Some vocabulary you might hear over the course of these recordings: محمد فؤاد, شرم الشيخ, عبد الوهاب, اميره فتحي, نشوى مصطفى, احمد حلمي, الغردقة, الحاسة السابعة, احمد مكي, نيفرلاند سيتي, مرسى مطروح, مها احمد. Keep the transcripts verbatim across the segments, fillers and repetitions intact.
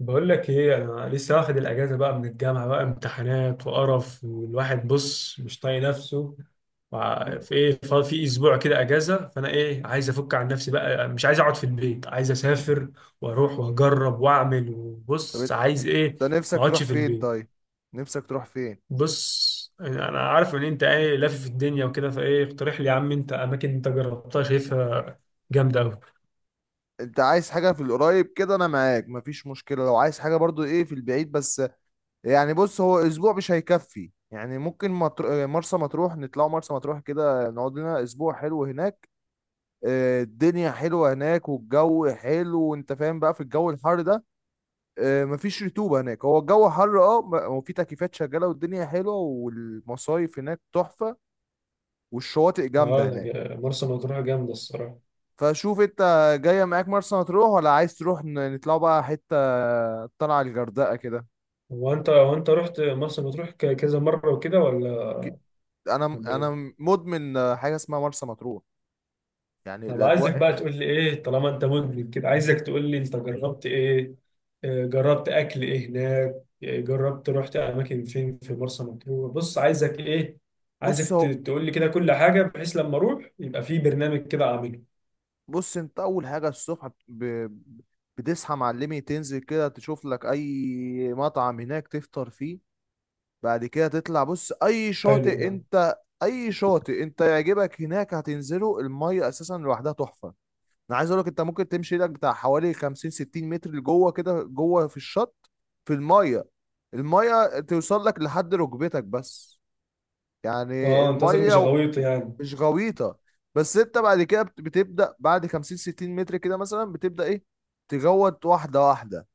بقول لك ايه، انا لسه واخد الاجازه بقى من الجامعه، بقى امتحانات وقرف والواحد بص مش طايق نفسه. وع- مم. في ايه، ف- في اسبوع كده اجازه، فانا ايه عايز افك عن نفسي بقى، مش عايز اقعد في البيت، عايز اسافر واروح واجرب واعمل، طب وبص إت- عايز انت ايه. ما نفسك تروح اقعدش في فين البيت. طيب؟ نفسك تروح فين؟ بص انا عارف ان انت ايه لافف الدنيا وكده، فايه اقترح لي يا عم، انت اماكن انت جربتها شايفها جامده قوي. انت عايز حاجة في القريب كده انا معاك مفيش مشكلة، لو عايز حاجة برضو ايه في البعيد بس. يعني بص، هو اسبوع مش هيكفي يعني، ممكن مطر... مرسى مطروح، نطلعوا مرسى مطروح كده نقعد لنا اسبوع حلو هناك. آه، الدنيا حلوة هناك والجو حلو، وانت فاهم بقى في الجو الحر ده. آه، مفيش رطوبة هناك، هو الجو حر اه، م- وفي تكييفات شغالة والدنيا حلوة والمصايف هناك تحفة، والشواطئ اه جامدة هناك. لا، مرسى مطروح جامده الصراحه. فشوف انت، جاية معاك مرسى مطروح، ولا عايز تروح ن- نطلعوا بقى حتة، طلع الغردقة كده؟ هو انت هو انت رحت مرسى مطروح ك- كذا مره وكده، ولا ك- انا ولا ايه؟ انا مدمن حاجة اسمها مرسى مطروح، يعني طب عايزك الاجواء. بقى تقول لي ايه، طالما انت مدمن كده عايزك تقول لي، انت جربت ايه؟ آه، جربت اكل ايه هناك؟ آه، جربت رحت اماكن فين في مرسى مطروح؟ بص عايزك ايه؟ عايزك بص ت- هو تقول لي كده كل حاجه، بحيث لما اروح يبقى في برنامج كده اعمله. بص انت، اول حاجة الصبح ب... بتصحى معلمي، تنزل كده تشوف لك اي مطعم هناك تفطر فيه. بعد كده تطلع، بص اي حلو شاطئ ده. انت، اي شاطئ انت يعجبك هناك هتنزله، المية اساسا لوحدها تحفة. انا عايز اقول لك، انت ممكن تمشي ايدك بتاع حوالي خمسين ستين متر لجوه كده، جوه في الشط، في الميه، الميه توصل لك لحد ركبتك بس. يعني اه، انت قصدك الميه، مش و- غويط و- يعني. مش غويطه. بس انت بعد كده بت- بتبدا، بعد خمسين ستين متر كده مثلا بتبدا ايه، تجوط واحده واحده.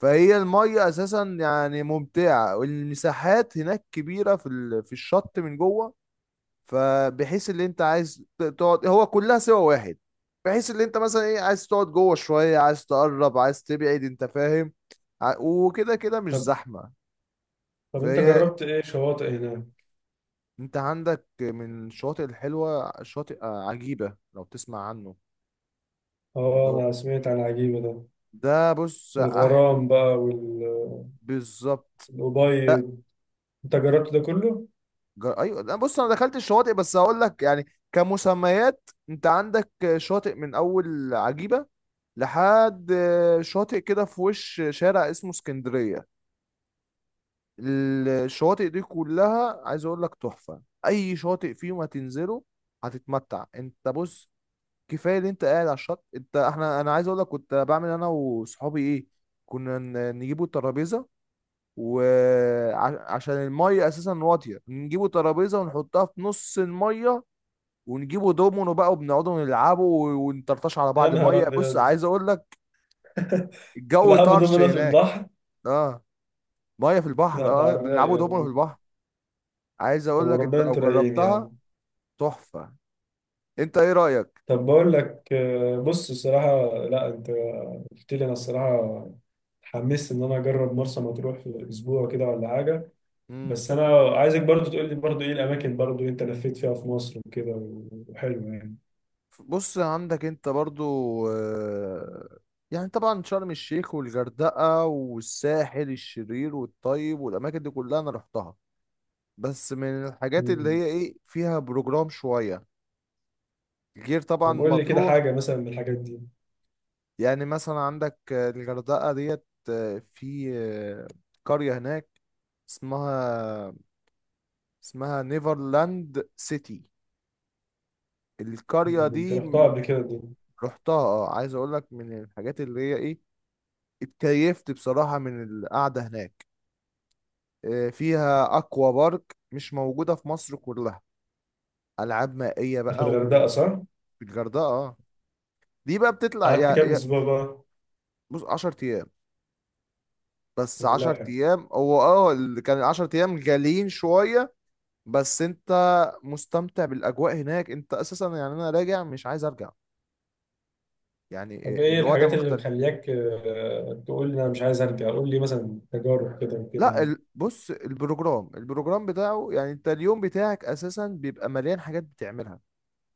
فهي الميه اساسا يعني ممتعه، والمساحات هناك كبيره في ال- في الشط من جوه. فبحيث اللي انت عايز ت- تقعد هو كلها سوا واحد. بحيث اللي انت مثلا ايه، عايز تقعد جوه شوية، عايز تقرب عايز تبعد، انت فاهم. ع- وكده كده مش طب زحمة. طب انت فهي، جربت ايه شواطئ هناك؟ انت عندك من الشواطئ الحلوة شاطئ آه، عجيبة، لو تسمع عنه، اللي اه هو انا سمعت عن عجيبه ده. ده بص احلى. والغرام بقى وال بالظبط. الأبيض. انت جربت ده كله؟ جر... ايوه لا، بص انا دخلت الشواطئ بس هقول لك يعني كمسميات، انت عندك شاطئ من اول عجيبة لحد آه، شاطئ كده في وش شارع اسمه اسكندرية. الشواطئ دي كلها عايز اقول لك تحفة، اي شاطئ فيهم هتنزله هتتمتع. انت بص، كفاية اللي انت قاعد على الشط. انت احنا، انا عايز اقول لك كنت بعمل انا وصحابي ايه، كنا ن- نجيبوا الترابيزة، وعشان المية اساسا واطية نجيبوا ترابيزة ونحطها في نص المية، ونجيبوا دومينو بقى وبنقعدوا نلعبوا ونطرطش على يا بعض نهار مية. بص ابيض. عايز اقول لك، الجو تلعبوا طرش دومنا في هناك. البحر؟ اه، ميه في البحر لا، ده اه. آه، على بنلعبوا الرايق دومينو في والله. البحر. عايز طب اقول لك انت وربنا لو انتوا رايقين يا جربتها عم. تحفه. انت ايه رايك؟ طب بقول لك، آه، بص الصراحة، لا انت قلت لي انا الصراحة اتحمست ان انا اجرب مرسى مطروح في اسبوع كده ولا حاجة. امم بس انا عايزك برضو تقول لي برضو ايه الاماكن برضو انت لفيت فيها في مصر وكده، وحلوة يعني. بص، عندك انت برضو آه، يعني طبعا شرم الشيخ والغردقة والساحل الشرير والطيب، والأماكن دي كلها أنا رحتها، بس من الحاجات اللي مم. هي إيه فيها بروجرام شوية، غير طبعا طب قول لي كده مطروح. حاجة مثلا من الحاجات دي. يعني مثلا عندك آه، الغردقة ديت، آه، في آه، قرية هناك اسمها، اسمها نيفرلاند سيتي. القرية مم. انت دي، رحتها م- قبل كده دي؟ رحتها اه، عايز اقول لك من الحاجات اللي هي ايه، اتكيفت بصراحة من القعدة هناك. آه، فيها اكوا بارك مش موجودة في مصر كلها، العاب مائية في بقى. الغردقة وفي صح؟ الغردقة اه، دي بقى بتطلع قعدت يا كام يا اسبوع بقى؟ بص عشر ايام. بس عشر والله. ايام، هو اه اللي كان عشر ايام غاليين شوية. بس انت مستمتع بالاجواء هناك انت اساسا، يعني انا راجع مش عايز ارجع، يعني طب آه، ايه الوضع الحاجات اللي مختلف. مخلياك آه، تقول لي انا مش عايز ارجع، قول لي مثلا تجارب كده وكده لا يعني. ال- بص، البروجرام، البروجرام بتاعه يعني، انت اليوم بتاعك اساسا بيبقى مليان حاجات بتعملها.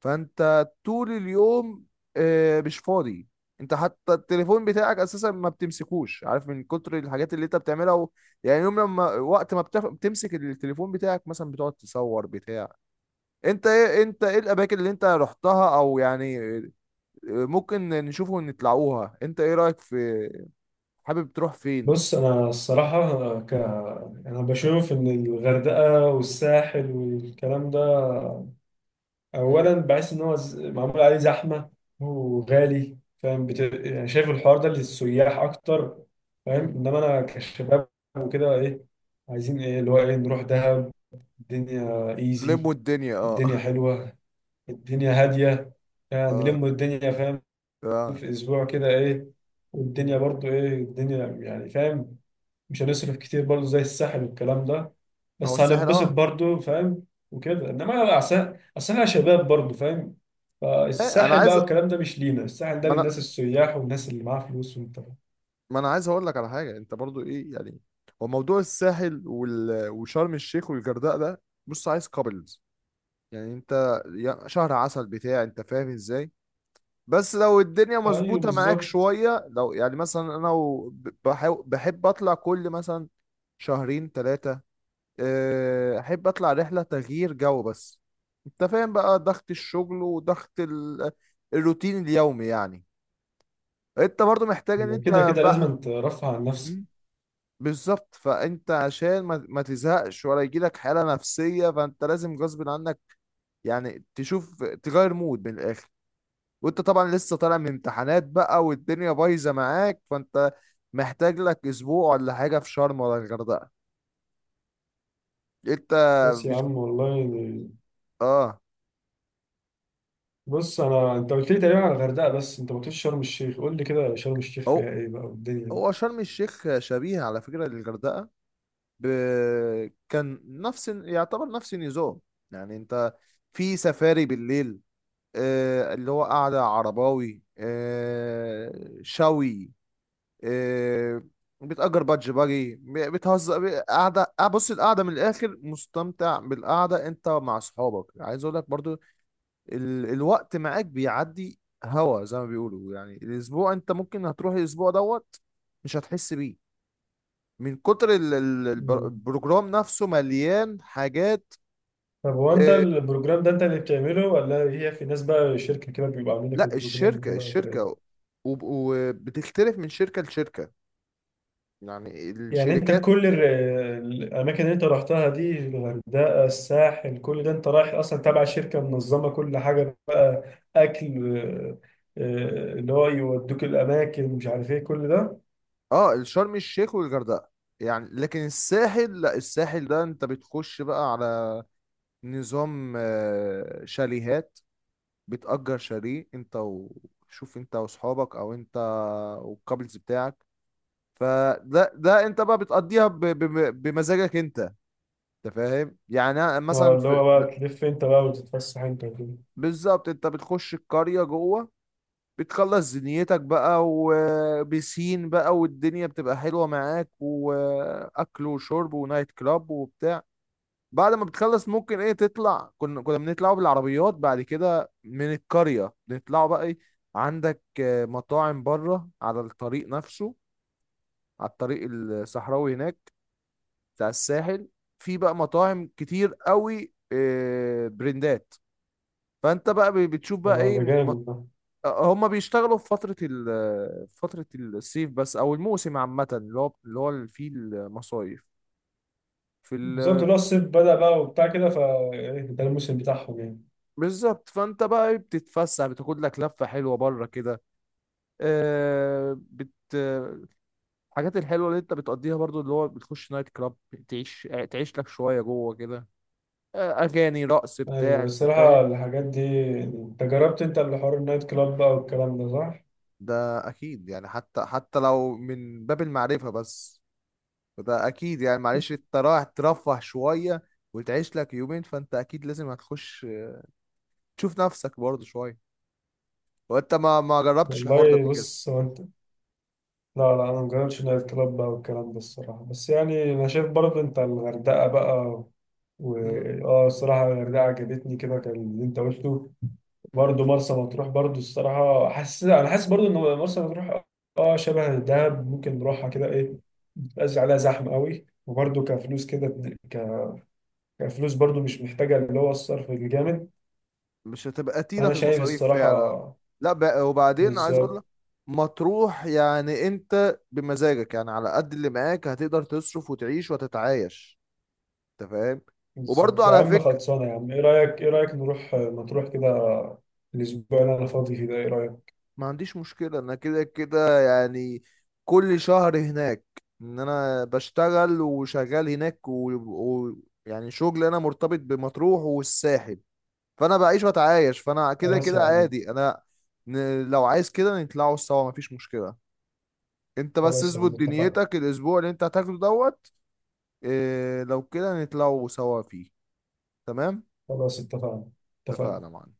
فانت طول اليوم آه، مش فاضي. انت حتى التليفون بتاعك اساسا ما بتمسكوش، عارف، من كتر الحاجات اللي انت بتعملها و... يعني، يوم لما وقت ما بتف... بتمسك التليفون بتاعك مثلا، بتقعد تصور بتاع. انت ايه، انت ايه الاماكن اللي انت رحتها، او يعني آه، ممكن نشوفه ونطلعوها. انت ايه رأيك في، حابب تروح فين؟ بص انا الصراحه أنا ك... انا بشوف ان الغردقه والساحل والكلام ده، مم. اولا بحس ان هو ز- معمول عليه زحمه وغالي، فاهم، بت... يعني شايف الحوار ده للسياح اكتر، فاهم. مم. انما انا كشباب وكده ايه، عايزين ايه اللي هو ايه، نروح دهب. الدنيا ايزي، لموا الدنيا الدنيا اه. حلوه، الدنيا هاديه، يعني اه. نلم الدنيا، فاهم، اه. في اسبوع كده ايه، والدنيا مم. برضو ايه الدنيا يعني، فاهم. مش هنصرف كتير برضو زي الساحل والكلام ده، هو بس الساحل هنتبسط اه. برضو، فاهم، وكده. انما لو عسل اصل احنا شباب برضو، فاهم، ما انا فالساحل بقى عايز والكلام ده مش لينا، الساحل ده ما انا للناس السياح والناس اللي معاها فلوس وانت. ما انا عايز اقول لك على حاجه انت برضو ايه يعني. هو موضوع الساحل وال... وشرم الشيخ والغردقه ده، بص عايز كابلز يعني، انت يا- شهر عسل بتاع، انت فاهم ازاي. بس لو الدنيا ايوه مظبوطه معاك بالظبط. شويه، لو يعني مثلا انا و- ب- بحاو- بحب اطلع كل مثلا شهرين ثلاثه، آه، احب اطلع رحله تغيير جو بس. انت فاهم بقى ضغط الشغل وضغط ال- الروتين اليومي يعني، انت برضو محتاج ان كده انت كده لازم بقى. ترفع عن نفسك. مم، بالظبط. فانت عشان ما, ما تزهقش ولا يجيلك حاله نفسيه، فانت لازم غصب عنك يعني تشوف تغير مود من الاخر. وانت طبعا لسه طالع من امتحانات بقى والدنيا بايظه معاك، فانت محتاج لك اسبوع ولا حاجه في شرم ولا الغردقه، انت بس يا مش، عم والله يعني. اه بص انا انت قلت لي تقريبا على الغردقه، بس انت ما قلتليش شرم الشيخ، قول لي كده شرم الشيخ فيها اهو. ايه بقى والدنيا هو شرم الشيخ شبيه على فكرة للغردقة. ب... كان نفس، يعتبر نفس النظام، يعني انت في سفاري بالليل، آه، اللي هو قعدة عرباوي آه، شوي، آه، بتأجر بادج باجي، ب- بتهزر، ب- قعدة آه، بص. القعدة من الآخر مستمتع بالقعدة انت مع أصحابك. عايز أقول لك برضو، ال... الوقت معاك بيعدي. هوا زي ما بيقولوا يعني، الأسبوع انت ممكن هتروح، الأسبوع دوت مش هتحس بيه من كتر ال- ال- البر- دي. البروجرام نفسه، مليان حاجات. طب هو انت آه، البروجرام ده انت اللي بتعمله، ولا هي في ناس بقى شركة كده بيبقى عاملين لك لا البروجرام الشركة، وكده، ولا الشركة ايه؟ وب- وبتختلف من شركة لشركة، يعني يعني انت الشركات. كل ال- الاماكن اللي انت رحتها دي، الغردقة الساحل كل ده انت رايح اصلا تابع شركة منظمة كل حاجة بقى، اكل، آه، آه، اللي هو يودوك الاماكن، مش عارف ايه كل ده. اه الشرم الشيخ والغردقة يعني. لكن الساحل لا، الساحل ده انت بتخش بقى على نظام آه، شاليهات، بتأجر شاليه انت وشوف انت واصحابك، او انت والكابلز بتاعك. فده ده انت بقى بتقضيها ب- ب- بمزاجك انت، انت فاهم، يعني أنا آه، مثلا اللي في هو لا، بقى تلف انت بقى وتتفسح انت وكده. بالظبط. انت بتخش القرية جوه، بتخلص زنيتك بقى وبسين بقى، والدنيا بتبقى حلوة معاك، واكل وشرب ونايت كلاب وبتاع. بعد ما بتخلص ممكن ايه تطلع، كنا كنا بنطلعوا بالعربيات بعد كده من القرية، بنطلعوا بقى ايه، عندك آه، مطاعم بره على الطريق نفسه، على الطريق الصحراوي هناك بتاع الساحل. في بقى مطاعم كتير قوي، آه، برندات. فانت بقى بي- بتشوف بقى اه، ايه ده م- جامد ده. هما بيشتغلوا في فترة ال في فترة الصيف بس، او الموسم عامة اللي هو اللي هو اللي فيه المصايف في ال. بالظبط، اللي هو الصيف بدأ بقى وبتاع كده، فده الموسم بتاعهم يعني. بالظبط، فانت بقى إيه بتتفسح، بتاخد لك لفة حلوة بره كده. آه، بت الحاجات الحلوة اللي انت بتقضيها برضو، اللي هو بتخش نايت كلاب، تعيش تعيش لك شوية جوه كده، آه، اغاني رقص بتاع، ايوه انت الصراحه، فاهم. الحاجات دي انت جربت، انت اللي حوار النايت كلاب بقى والكلام ده صح؟ ده اكيد يعني، حتى حتى لو من باب المعرفة بس، فده اكيد يعني معلش، انت رايح ترفه شويه وتعيش لك يومين، فانت اكيد لازم هتخش تشوف نفسك برضه شويه. وانت ما ما جربتش الحوار ده قبل والله، كده. بص هو انت. لا، لا، انا مجربتش نايت كلاب بقى والكلام ده الصراحه، بس يعني انا شايف برضه انت الغردقه بقى و... امم اه الصراحه الغردقه عجبتني، كده كان اللي انت قلته، امم برضه مرسى مطروح. برضه الصراحه، حاسس انا حاسس برضه ان مرسى مطروح اه شبه دهب، ممكن نروحها كده ايه. مبقاش عليها زحمه قوي، وبرضه كفلوس كده، ك... كفلوس برضه مش محتاجه اللي هو الصرف الجامد. مش هتبقى تقيله انا في شايف المصاريف فعلا. الصراحه. لا ب... وبعدين عايز اقول بالظبط. لك، مطروح يعني انت بمزاجك، يعني على قد اللي معاك هتقدر تصرف وتعيش وتتعايش، انت فاهم. وبرضه بالظبط يا على عم، فكره، خلصانه يا عم، ايه رايك ايه رايك نروح مطروح كده، الاسبوع اللي انا فاضي فيه ده، ايه رايك. ما عنديش مشكلة انا كده كده، يعني كل شهر هناك، ان انا بشتغل وشغال هناك، ويعني و... و- يعني شغل انا مرتبط بمطروح والساحل، فانا بعيش واتعايش، فانا كده خلاص يا كده عم. عادي انا. ن... لو عايز كده نطلعوا سوا مفيش مشكلة، انت بس خلاص يا اظبط عم اتفقنا. دنيتك الاسبوع اللي انت هتاخده دوت. إيه لو كده نطلعوا سوا فيه. تمام. خلاص اتفقنا. اتفقنا. اتفقنا معانا.